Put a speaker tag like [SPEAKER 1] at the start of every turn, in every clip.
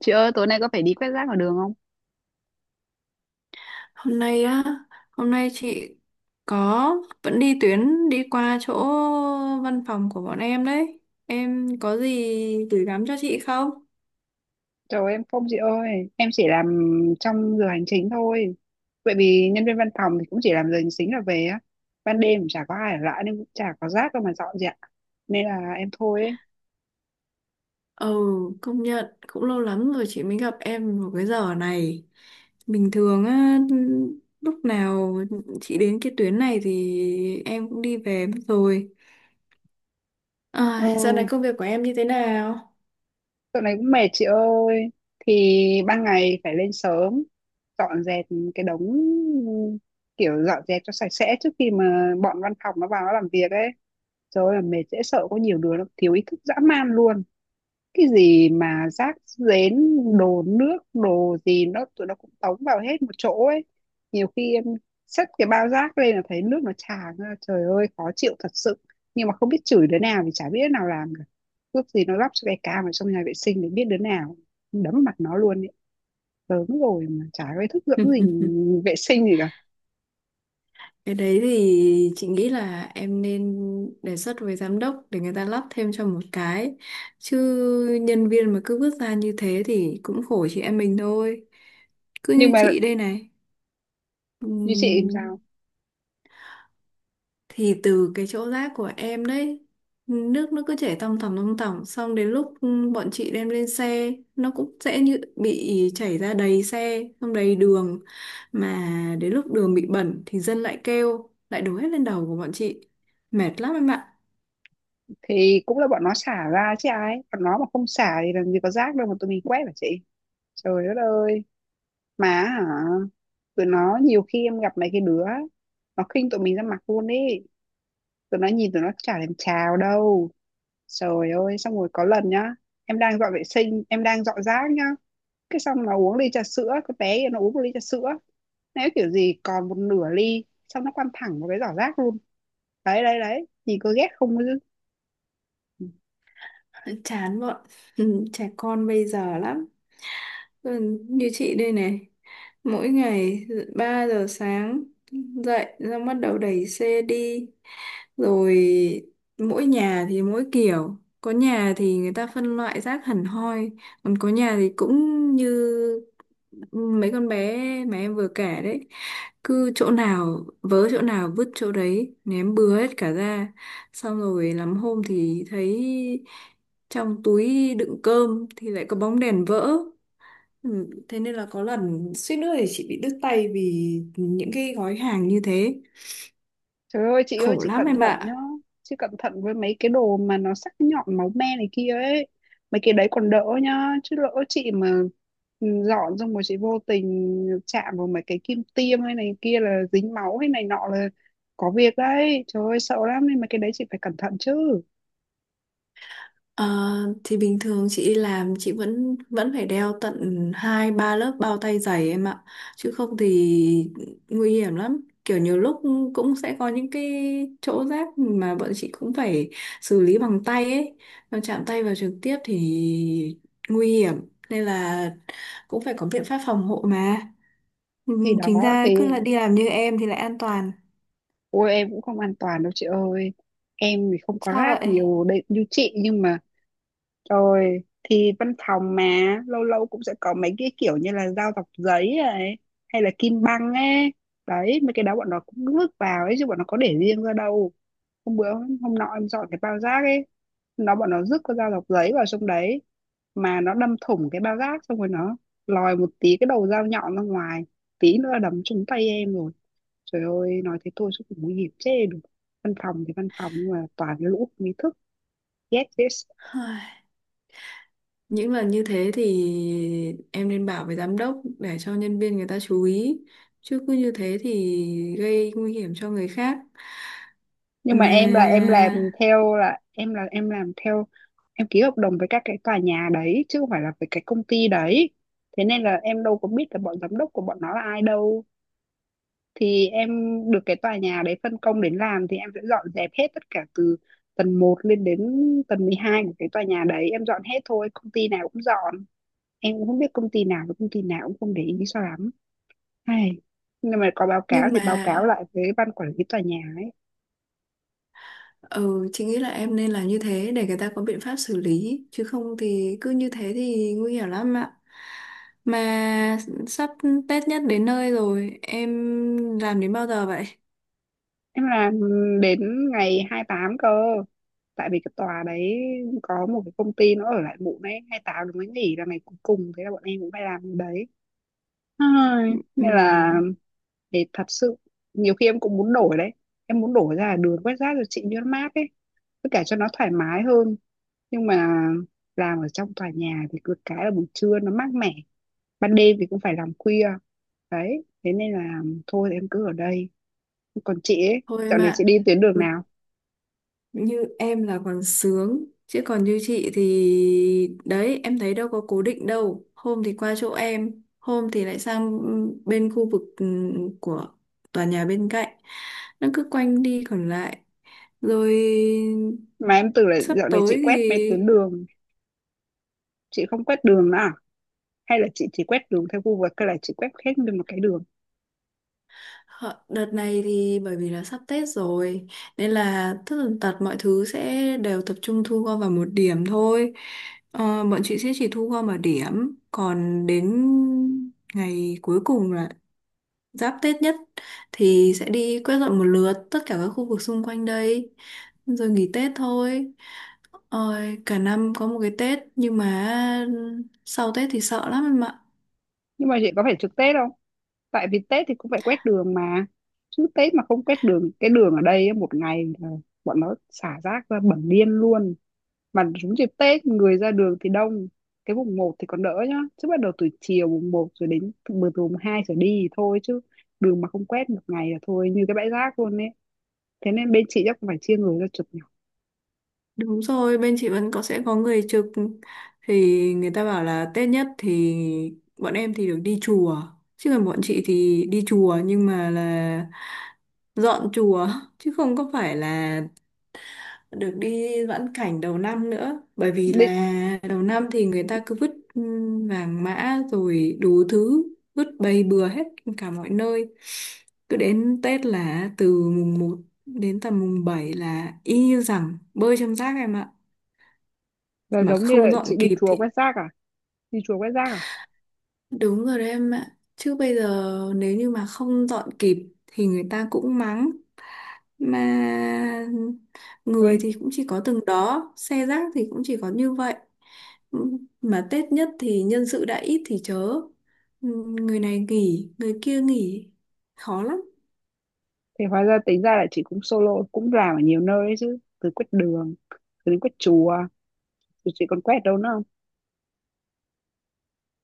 [SPEAKER 1] Chị ơi, tối nay có phải đi quét rác ở đường không?
[SPEAKER 2] Hôm nay á, hôm nay chị có vẫn đi tuyến đi qua chỗ văn phòng của bọn em đấy. Em có gì gửi gắm cho chị không?
[SPEAKER 1] Trời em không chị ơi, em chỉ làm trong giờ hành chính thôi. Bởi vì nhân viên văn phòng thì cũng chỉ làm giờ hành chính là về á. Ban đêm cũng chả có ai ở lại nên cũng chả có rác đâu mà dọn dẹp. Nên là em thôi ấy.
[SPEAKER 2] Ừ, công nhận cũng lâu lắm rồi chị mới gặp em vào cái giờ này. Bình thường á, lúc nào chị đến cái tuyến này thì em cũng đi về mất rồi. À, dạo này
[SPEAKER 1] Ừ,
[SPEAKER 2] công việc của em như thế nào?
[SPEAKER 1] dạo này cũng mệt chị ơi. Thì ban ngày phải lên sớm, dọn dẹp cái đống kiểu dọn dẹp cho sạch sẽ trước khi mà bọn văn phòng nó vào nó làm việc ấy. Trời ơi, là mệt dễ sợ, có nhiều đứa nó thiếu ý thức dã man luôn. Cái gì mà rác rến, đồ nước đồ gì nó tụi nó cũng tống vào hết một chỗ ấy. Nhiều khi em xách cái bao rác lên là thấy nước nó tràn ra, trời ơi khó chịu thật sự. Nhưng mà không biết chửi đứa nào thì chả biết đứa nào làm cả. Ước gì nó lắp cho cái cam ở trong nhà vệ sinh để biết đứa nào, đấm mặt nó luôn ấy. Lớn rồi mà chả có ý thức dưỡng gì, vệ sinh gì cả.
[SPEAKER 2] Cái đấy thì chị nghĩ là em nên đề xuất với giám đốc để người ta lắp thêm cho một cái. Chứ nhân viên mà cứ vứt ra như thế thì cũng khổ chị em mình thôi. Cứ
[SPEAKER 1] Nhưng
[SPEAKER 2] như
[SPEAKER 1] mà
[SPEAKER 2] chị đây
[SPEAKER 1] như chị làm
[SPEAKER 2] này
[SPEAKER 1] sao
[SPEAKER 2] thì từ cái chỗ rác của em đấy, nước nó cứ chảy tòng tòng tòng tòng, xong đến lúc bọn chị đem lên xe nó cũng sẽ như bị chảy ra đầy xe, xong đầy đường. Mà đến lúc đường bị bẩn thì dân lại kêu, lại đổ hết lên đầu của bọn chị. Mệt lắm em ạ.
[SPEAKER 1] thì cũng là bọn nó xả ra chứ ai, bọn nó mà không xả thì làm gì có rác đâu mà tụi mình quét hả chị. Trời đất ơi, mà hả, tụi nó nhiều khi em gặp mấy cái đứa nó khinh tụi mình ra mặt luôn ý. Tụi nó nhìn tụi nó chả thèm chào đâu. Trời ơi, xong rồi có lần nhá, em đang dọn vệ sinh, em đang dọn rác nhá, cái xong nó uống ly trà sữa, cái bé kia nó uống một ly trà sữa, nếu kiểu gì còn một nửa ly, xong nó quăng thẳng vào cái giỏ rác luôn. Đấy đấy đấy, nhìn có ghét không chứ.
[SPEAKER 2] Chán bọn trẻ con bây giờ lắm. Ừ, như chị đây này, mỗi ngày 3 giờ sáng dậy ra bắt đầu đẩy xe đi, rồi mỗi nhà thì mỗi kiểu, có nhà thì người ta phân loại rác hẳn hoi, còn có nhà thì cũng như mấy con bé mà em vừa kể đấy, cứ chỗ nào vớ chỗ nào vứt chỗ đấy, ném bừa hết cả ra. Xong rồi lắm hôm thì thấy trong túi đựng cơm thì lại có bóng đèn vỡ. Ừ, thế nên là có lần suýt nữa thì chị bị đứt tay vì những cái gói hàng như thế.
[SPEAKER 1] Trời ơi chị ơi,
[SPEAKER 2] Khổ
[SPEAKER 1] chị
[SPEAKER 2] lắm
[SPEAKER 1] cẩn
[SPEAKER 2] em
[SPEAKER 1] thận nhá.
[SPEAKER 2] ạ.
[SPEAKER 1] Chị cẩn thận với mấy cái đồ mà nó sắc nhọn máu me này kia ấy. Mấy cái đấy còn đỡ nhá. Chứ lỡ chị mà dọn xong rồi chị vô tình chạm vào mấy cái kim tiêm hay này kia là dính máu hay này nọ là có việc đấy. Trời ơi sợ lắm, nên mấy cái đấy chị phải cẩn thận chứ.
[SPEAKER 2] Ờ, thì bình thường chị đi làm chị vẫn vẫn phải đeo tận hai ba lớp bao tay dày em ạ, chứ không thì nguy hiểm lắm. Kiểu nhiều lúc cũng sẽ có những cái chỗ rách mà bọn chị cũng phải xử lý bằng tay ấy, còn chạm tay vào trực tiếp thì nguy hiểm, nên là cũng phải có biện pháp phòng hộ mà. Ừ,
[SPEAKER 1] Thì
[SPEAKER 2] chính
[SPEAKER 1] đó
[SPEAKER 2] ra cứ
[SPEAKER 1] thì,
[SPEAKER 2] là đi làm như em thì lại an toàn.
[SPEAKER 1] ôi em cũng không an toàn đâu chị ơi. Em thì không có
[SPEAKER 2] Sao
[SPEAKER 1] rác
[SPEAKER 2] vậy?
[SPEAKER 1] nhiều đấy như chị, nhưng mà rồi thì văn phòng mà lâu lâu cũng sẽ có mấy cái kiểu như là dao dọc giấy này, hay là kim băng ấy. Đấy, mấy cái đó bọn nó cũng vứt vào ấy chứ bọn nó có để riêng ra đâu. Hôm bữa hôm nọ em dọn cái bao rác ấy, bọn nó vứt cái dao dọc giấy vào trong đấy, mà nó đâm thủng cái bao rác xong rồi nó lòi một tí cái đầu dao nhọn ra ngoài, tí nữa là đấm trúng tay em rồi. Trời ơi, nói thế thôi chứ cũng nguy hiểm chê được. Văn phòng thì văn phòng nhưng mà toàn cái lũ không ý thức, ghét thế.
[SPEAKER 2] Những lần như thế thì em nên bảo với giám đốc để cho nhân viên người ta chú ý. Chứ cứ như thế thì gây nguy hiểm cho người khác.
[SPEAKER 1] Nhưng mà
[SPEAKER 2] Mà
[SPEAKER 1] em là em làm theo là em làm theo, em ký hợp đồng với các cái tòa nhà đấy chứ không phải là với cái công ty đấy. Thế nên là em đâu có biết là bọn giám đốc của bọn nó là ai đâu. Thì em được cái tòa nhà đấy phân công đến làm thì em sẽ dọn dẹp hết tất cả từ tầng một lên đến tầng 12 của cái tòa nhà đấy, em dọn hết thôi, công ty nào cũng dọn. Em cũng không biết công ty nào với công ty nào, cũng không để ý sao lắm, hay nhưng mà có báo cáo
[SPEAKER 2] nhưng
[SPEAKER 1] thì
[SPEAKER 2] mà
[SPEAKER 1] báo cáo lại với ban quản lý tòa nhà ấy.
[SPEAKER 2] ừ chị nghĩ là em nên làm như thế để người ta có biện pháp xử lý, chứ không thì cứ như thế thì nguy hiểm lắm ạ. Mà sắp Tết nhất đến nơi rồi, em làm đến bao giờ vậy?
[SPEAKER 1] Em làm đến ngày 28 cơ. Tại vì cái tòa đấy có một cái công ty nó ở lại muộn ấy, 28 nó mới nghỉ là ngày cuối cùng, thế là bọn em cũng phải làm cái đấy. Ai,
[SPEAKER 2] Ừ,
[SPEAKER 1] nên là để thật sự nhiều khi em cũng muốn đổi đấy. Em muốn đổi ra đường quét rác rồi chị cho nó mát ấy. Với cả cho nó thoải mái hơn. Nhưng mà làm ở trong tòa nhà thì cứ cái là buổi trưa nó mát mẻ. Ban đêm thì cũng phải làm khuya. Đấy, thế nên là thôi em cứ ở đây. Còn chị ấy,
[SPEAKER 2] thôi
[SPEAKER 1] dạo
[SPEAKER 2] em
[SPEAKER 1] này chị
[SPEAKER 2] ạ.
[SPEAKER 1] đi tuyến đường nào?
[SPEAKER 2] Như em là còn sướng, chứ còn như chị thì đấy, em thấy đâu có cố định đâu. Hôm thì qua chỗ em, hôm thì lại sang bên khu vực của tòa nhà bên cạnh. Nó cứ quanh đi còn lại, rồi
[SPEAKER 1] Mà em tưởng là
[SPEAKER 2] sắp
[SPEAKER 1] dạo này chị
[SPEAKER 2] tới
[SPEAKER 1] quét mấy tuyến
[SPEAKER 2] thì
[SPEAKER 1] đường, chị không quét đường nữa à? Hay là chị chỉ quét đường theo Google hay là chị quét hết nguyên một cái đường?
[SPEAKER 2] Hợ, đợt này thì bởi vì là sắp Tết rồi nên là tất tần tật mọi thứ sẽ đều tập trung thu gom vào một điểm thôi. Ờ, bọn chị sẽ chỉ thu gom ở điểm, còn đến ngày cuối cùng là giáp Tết nhất thì sẽ đi quét dọn một lượt tất cả các khu vực xung quanh đây rồi nghỉ Tết thôi. Ôi, cả năm có một cái Tết nhưng mà sau Tết thì sợ lắm em ạ.
[SPEAKER 1] Nhưng mà chị có phải trực Tết không? Tại vì Tết thì cũng phải quét đường mà. Chứ Tết mà không quét đường, cái đường ở đây á, một ngày là bọn nó xả rác ra bẩn điên luôn. Mà đúng dịp Tết người ra đường thì đông. Cái mùng một thì còn đỡ nhá. Chứ bắt đầu từ chiều mùng một rồi đến từ từ mùng 2 trở đi thì thôi chứ, đường mà không quét một ngày là thôi như cái bãi rác luôn ấy. Thế nên bên chị chắc cũng phải chia người ra chụp nhỉ.
[SPEAKER 2] Đúng rồi, bên chị vẫn có, sẽ có người trực. Thì người ta bảo là Tết nhất thì bọn em thì được đi chùa. Chứ còn bọn chị thì đi chùa nhưng mà là dọn chùa chứ không có phải là được đi vãn cảnh đầu năm nữa. Bởi vì
[SPEAKER 1] Định
[SPEAKER 2] là đầu năm thì người ta cứ vứt vàng mã rồi đủ thứ, vứt bầy bừa hết cả mọi nơi. Cứ đến Tết là từ mùng 1 đến tầm mùng 7 là y như rằng bơi trong rác em ạ,
[SPEAKER 1] là
[SPEAKER 2] mà
[SPEAKER 1] giống như
[SPEAKER 2] không
[SPEAKER 1] là
[SPEAKER 2] dọn
[SPEAKER 1] chị đi
[SPEAKER 2] kịp
[SPEAKER 1] chùa
[SPEAKER 2] thì
[SPEAKER 1] quét rác à, đi chùa quét rác à,
[SPEAKER 2] đúng rồi đấy em ạ. Chứ bây giờ nếu như mà không dọn kịp thì người ta cũng mắng, mà người
[SPEAKER 1] quên,
[SPEAKER 2] thì cũng chỉ có từng đó, xe rác thì cũng chỉ có như vậy, mà Tết nhất thì nhân sự đã ít thì chớ, người này nghỉ người kia nghỉ, khó lắm.
[SPEAKER 1] thì hóa ra tính ra là chị cũng solo cũng làm ở nhiều nơi đấy chứ, từ quét đường, từ đến quét chùa, rồi chị còn quét đâu nữa không?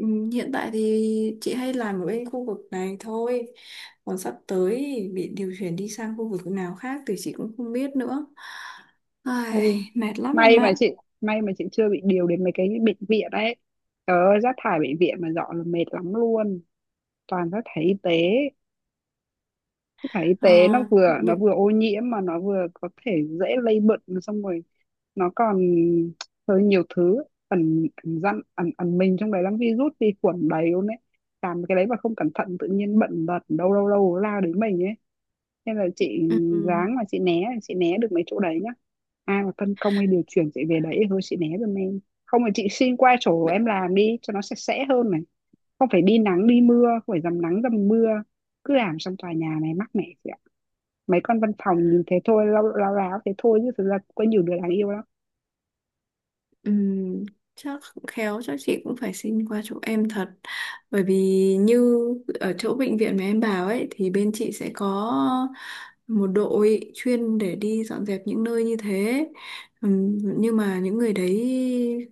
[SPEAKER 2] Ừ, hiện tại thì chị hay làm ở bên khu vực này thôi. Còn sắp tới thì bị điều chuyển đi sang khu vực nào khác thì chị cũng không biết nữa. Ai,
[SPEAKER 1] Ôi,
[SPEAKER 2] mệt lắm em
[SPEAKER 1] may mà
[SPEAKER 2] ạ.
[SPEAKER 1] chị may mà chị chưa bị điều đến mấy cái bệnh viện đấy. Trời ơi, rác thải bệnh viện mà dọn là mệt lắm luôn, toàn rác thải y tế. Rác thải y
[SPEAKER 2] Ờ,
[SPEAKER 1] tế nó
[SPEAKER 2] những,
[SPEAKER 1] vừa ô nhiễm mà nó vừa có thể dễ lây bệnh, xong rồi nó còn hơi nhiều thứ ẩn ẩn dặn ẩn ẩn mình trong đấy, lắm virus vi khuẩn đầy luôn đấy. Làm cái đấy mà không cẩn thận tự nhiên bệnh tật đâu đâu đâu lao đến mình ấy. Nên là chị
[SPEAKER 2] ừ, ừ,
[SPEAKER 1] ráng mà chị né, chị né được mấy chỗ đấy nhá. Ai mà phân công hay điều chuyển chị về đấy thì thôi chị né giùm em, không thì chị xin qua chỗ em làm đi cho nó sạch sẽ hơn này. Không phải đi nắng đi mưa, không phải dầm nắng dầm mưa, cứ làm trong tòa nhà này mắc mẻ chị ạ. Mấy con văn phòng nhìn thế thôi, lao lao láo thế thôi chứ thực ra có nhiều đứa đáng yêu lắm.
[SPEAKER 2] ừm, chắc khéo chắc chị cũng phải xin qua chỗ em thật, bởi vì như ở chỗ bệnh viện mà em bảo ấy thì bên chị sẽ có một đội chuyên để đi dọn dẹp những nơi như thế. Nhưng mà những người đấy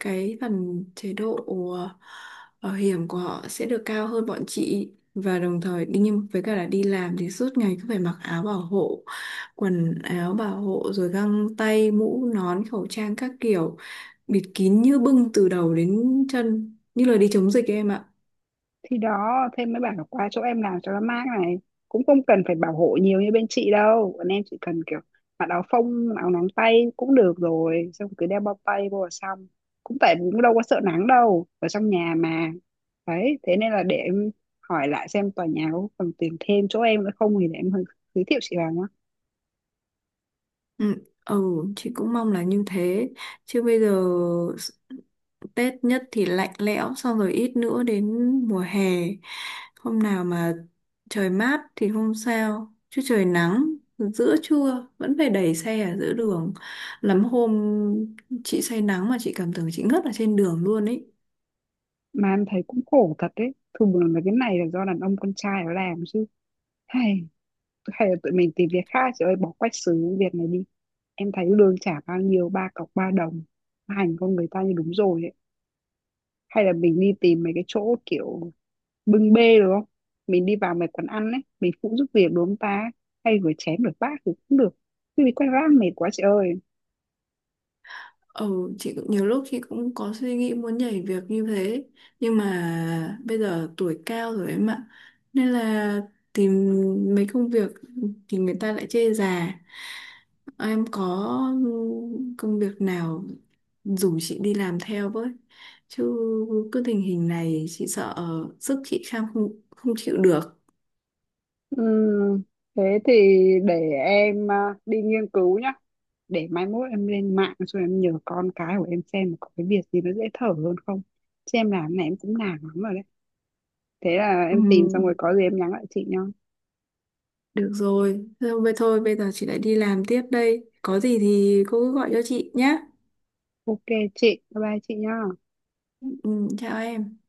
[SPEAKER 2] cái phần chế độ ờ, bảo hiểm của họ sẽ được cao hơn bọn chị, và đồng thời đi, nhưng với cả là đi làm thì suốt ngày cứ phải mặc áo bảo hộ, quần áo bảo hộ rồi găng tay mũ nón khẩu trang các kiểu, bịt kín như bưng từ đầu đến chân như là đi chống dịch ấy em ạ.
[SPEAKER 1] Thì đó thêm mới bảo là qua chỗ em làm cho nó mát này, cũng không cần phải bảo hộ nhiều như bên chị đâu. Bọn em chỉ cần kiểu mặc áo phông áo nắng tay cũng được rồi, xong cứ đeo bao tay vô là xong. Cũng tại vì cũng đâu có sợ nắng đâu, ở trong nhà mà. Đấy, thế nên là để em hỏi lại xem tòa nhà có cần tìm thêm chỗ em nữa không thì để em giới thiệu chị vào nhá.
[SPEAKER 2] Ừ, ừ, chị cũng mong là như thế, chứ bây giờ s- Tết nhất thì lạnh lẽo, xong rồi ít nữa đến mùa hè, hôm nào mà trời mát thì không sao, chứ trời nắng giữa trưa vẫn phải đẩy xe ở giữa đường. Lắm hôm chị say nắng mà chị cảm tưởng chị ngất ở trên đường luôn ấy.
[SPEAKER 1] Mà em thấy cũng khổ thật đấy, thường là cái này là do đàn ông con trai nó làm chứ, hay hay là tụi mình tìm việc khác chị ơi, bỏ quách xứ việc này đi. Em thấy lương trả bao nhiêu, ba cọc ba đồng, hành con người ta như đúng rồi ấy. Hay là mình đi tìm mấy cái chỗ kiểu bưng bê đúng không, mình đi vào mấy quán ăn ấy mình phụ giúp việc đúng không ta, hay rửa chén rửa bát thì cũng được. Chứ bị quay ra mệt quá chị ơi.
[SPEAKER 2] Ừ, chị cũng nhiều lúc chị cũng có suy nghĩ muốn nhảy việc như thế, nhưng mà bây giờ tuổi cao rồi em ạ, nên là tìm mấy công việc thì người ta lại chê già. Em có công việc nào rủ chị đi làm theo với, chứ cứ tình hình này chị sợ sức chị kham không không chịu được.
[SPEAKER 1] Ừm, thế thì để em à, đi nghiên cứu nhá. Để mai mốt em lên mạng rồi em nhờ con cái của em xem có cái việc gì nó dễ thở hơn không. Chứ em làm này em cũng nản lắm rồi đấy. Thế là
[SPEAKER 2] Ừ,
[SPEAKER 1] em tìm xong rồi có gì em nhắn lại chị nhá.
[SPEAKER 2] được rồi, thôi vậy thôi, bây giờ chị lại đi làm tiếp đây, có gì thì cô cứ gọi cho chị nhé.
[SPEAKER 1] Ok chị, bye bye chị nhá.
[SPEAKER 2] Ừ, chào em.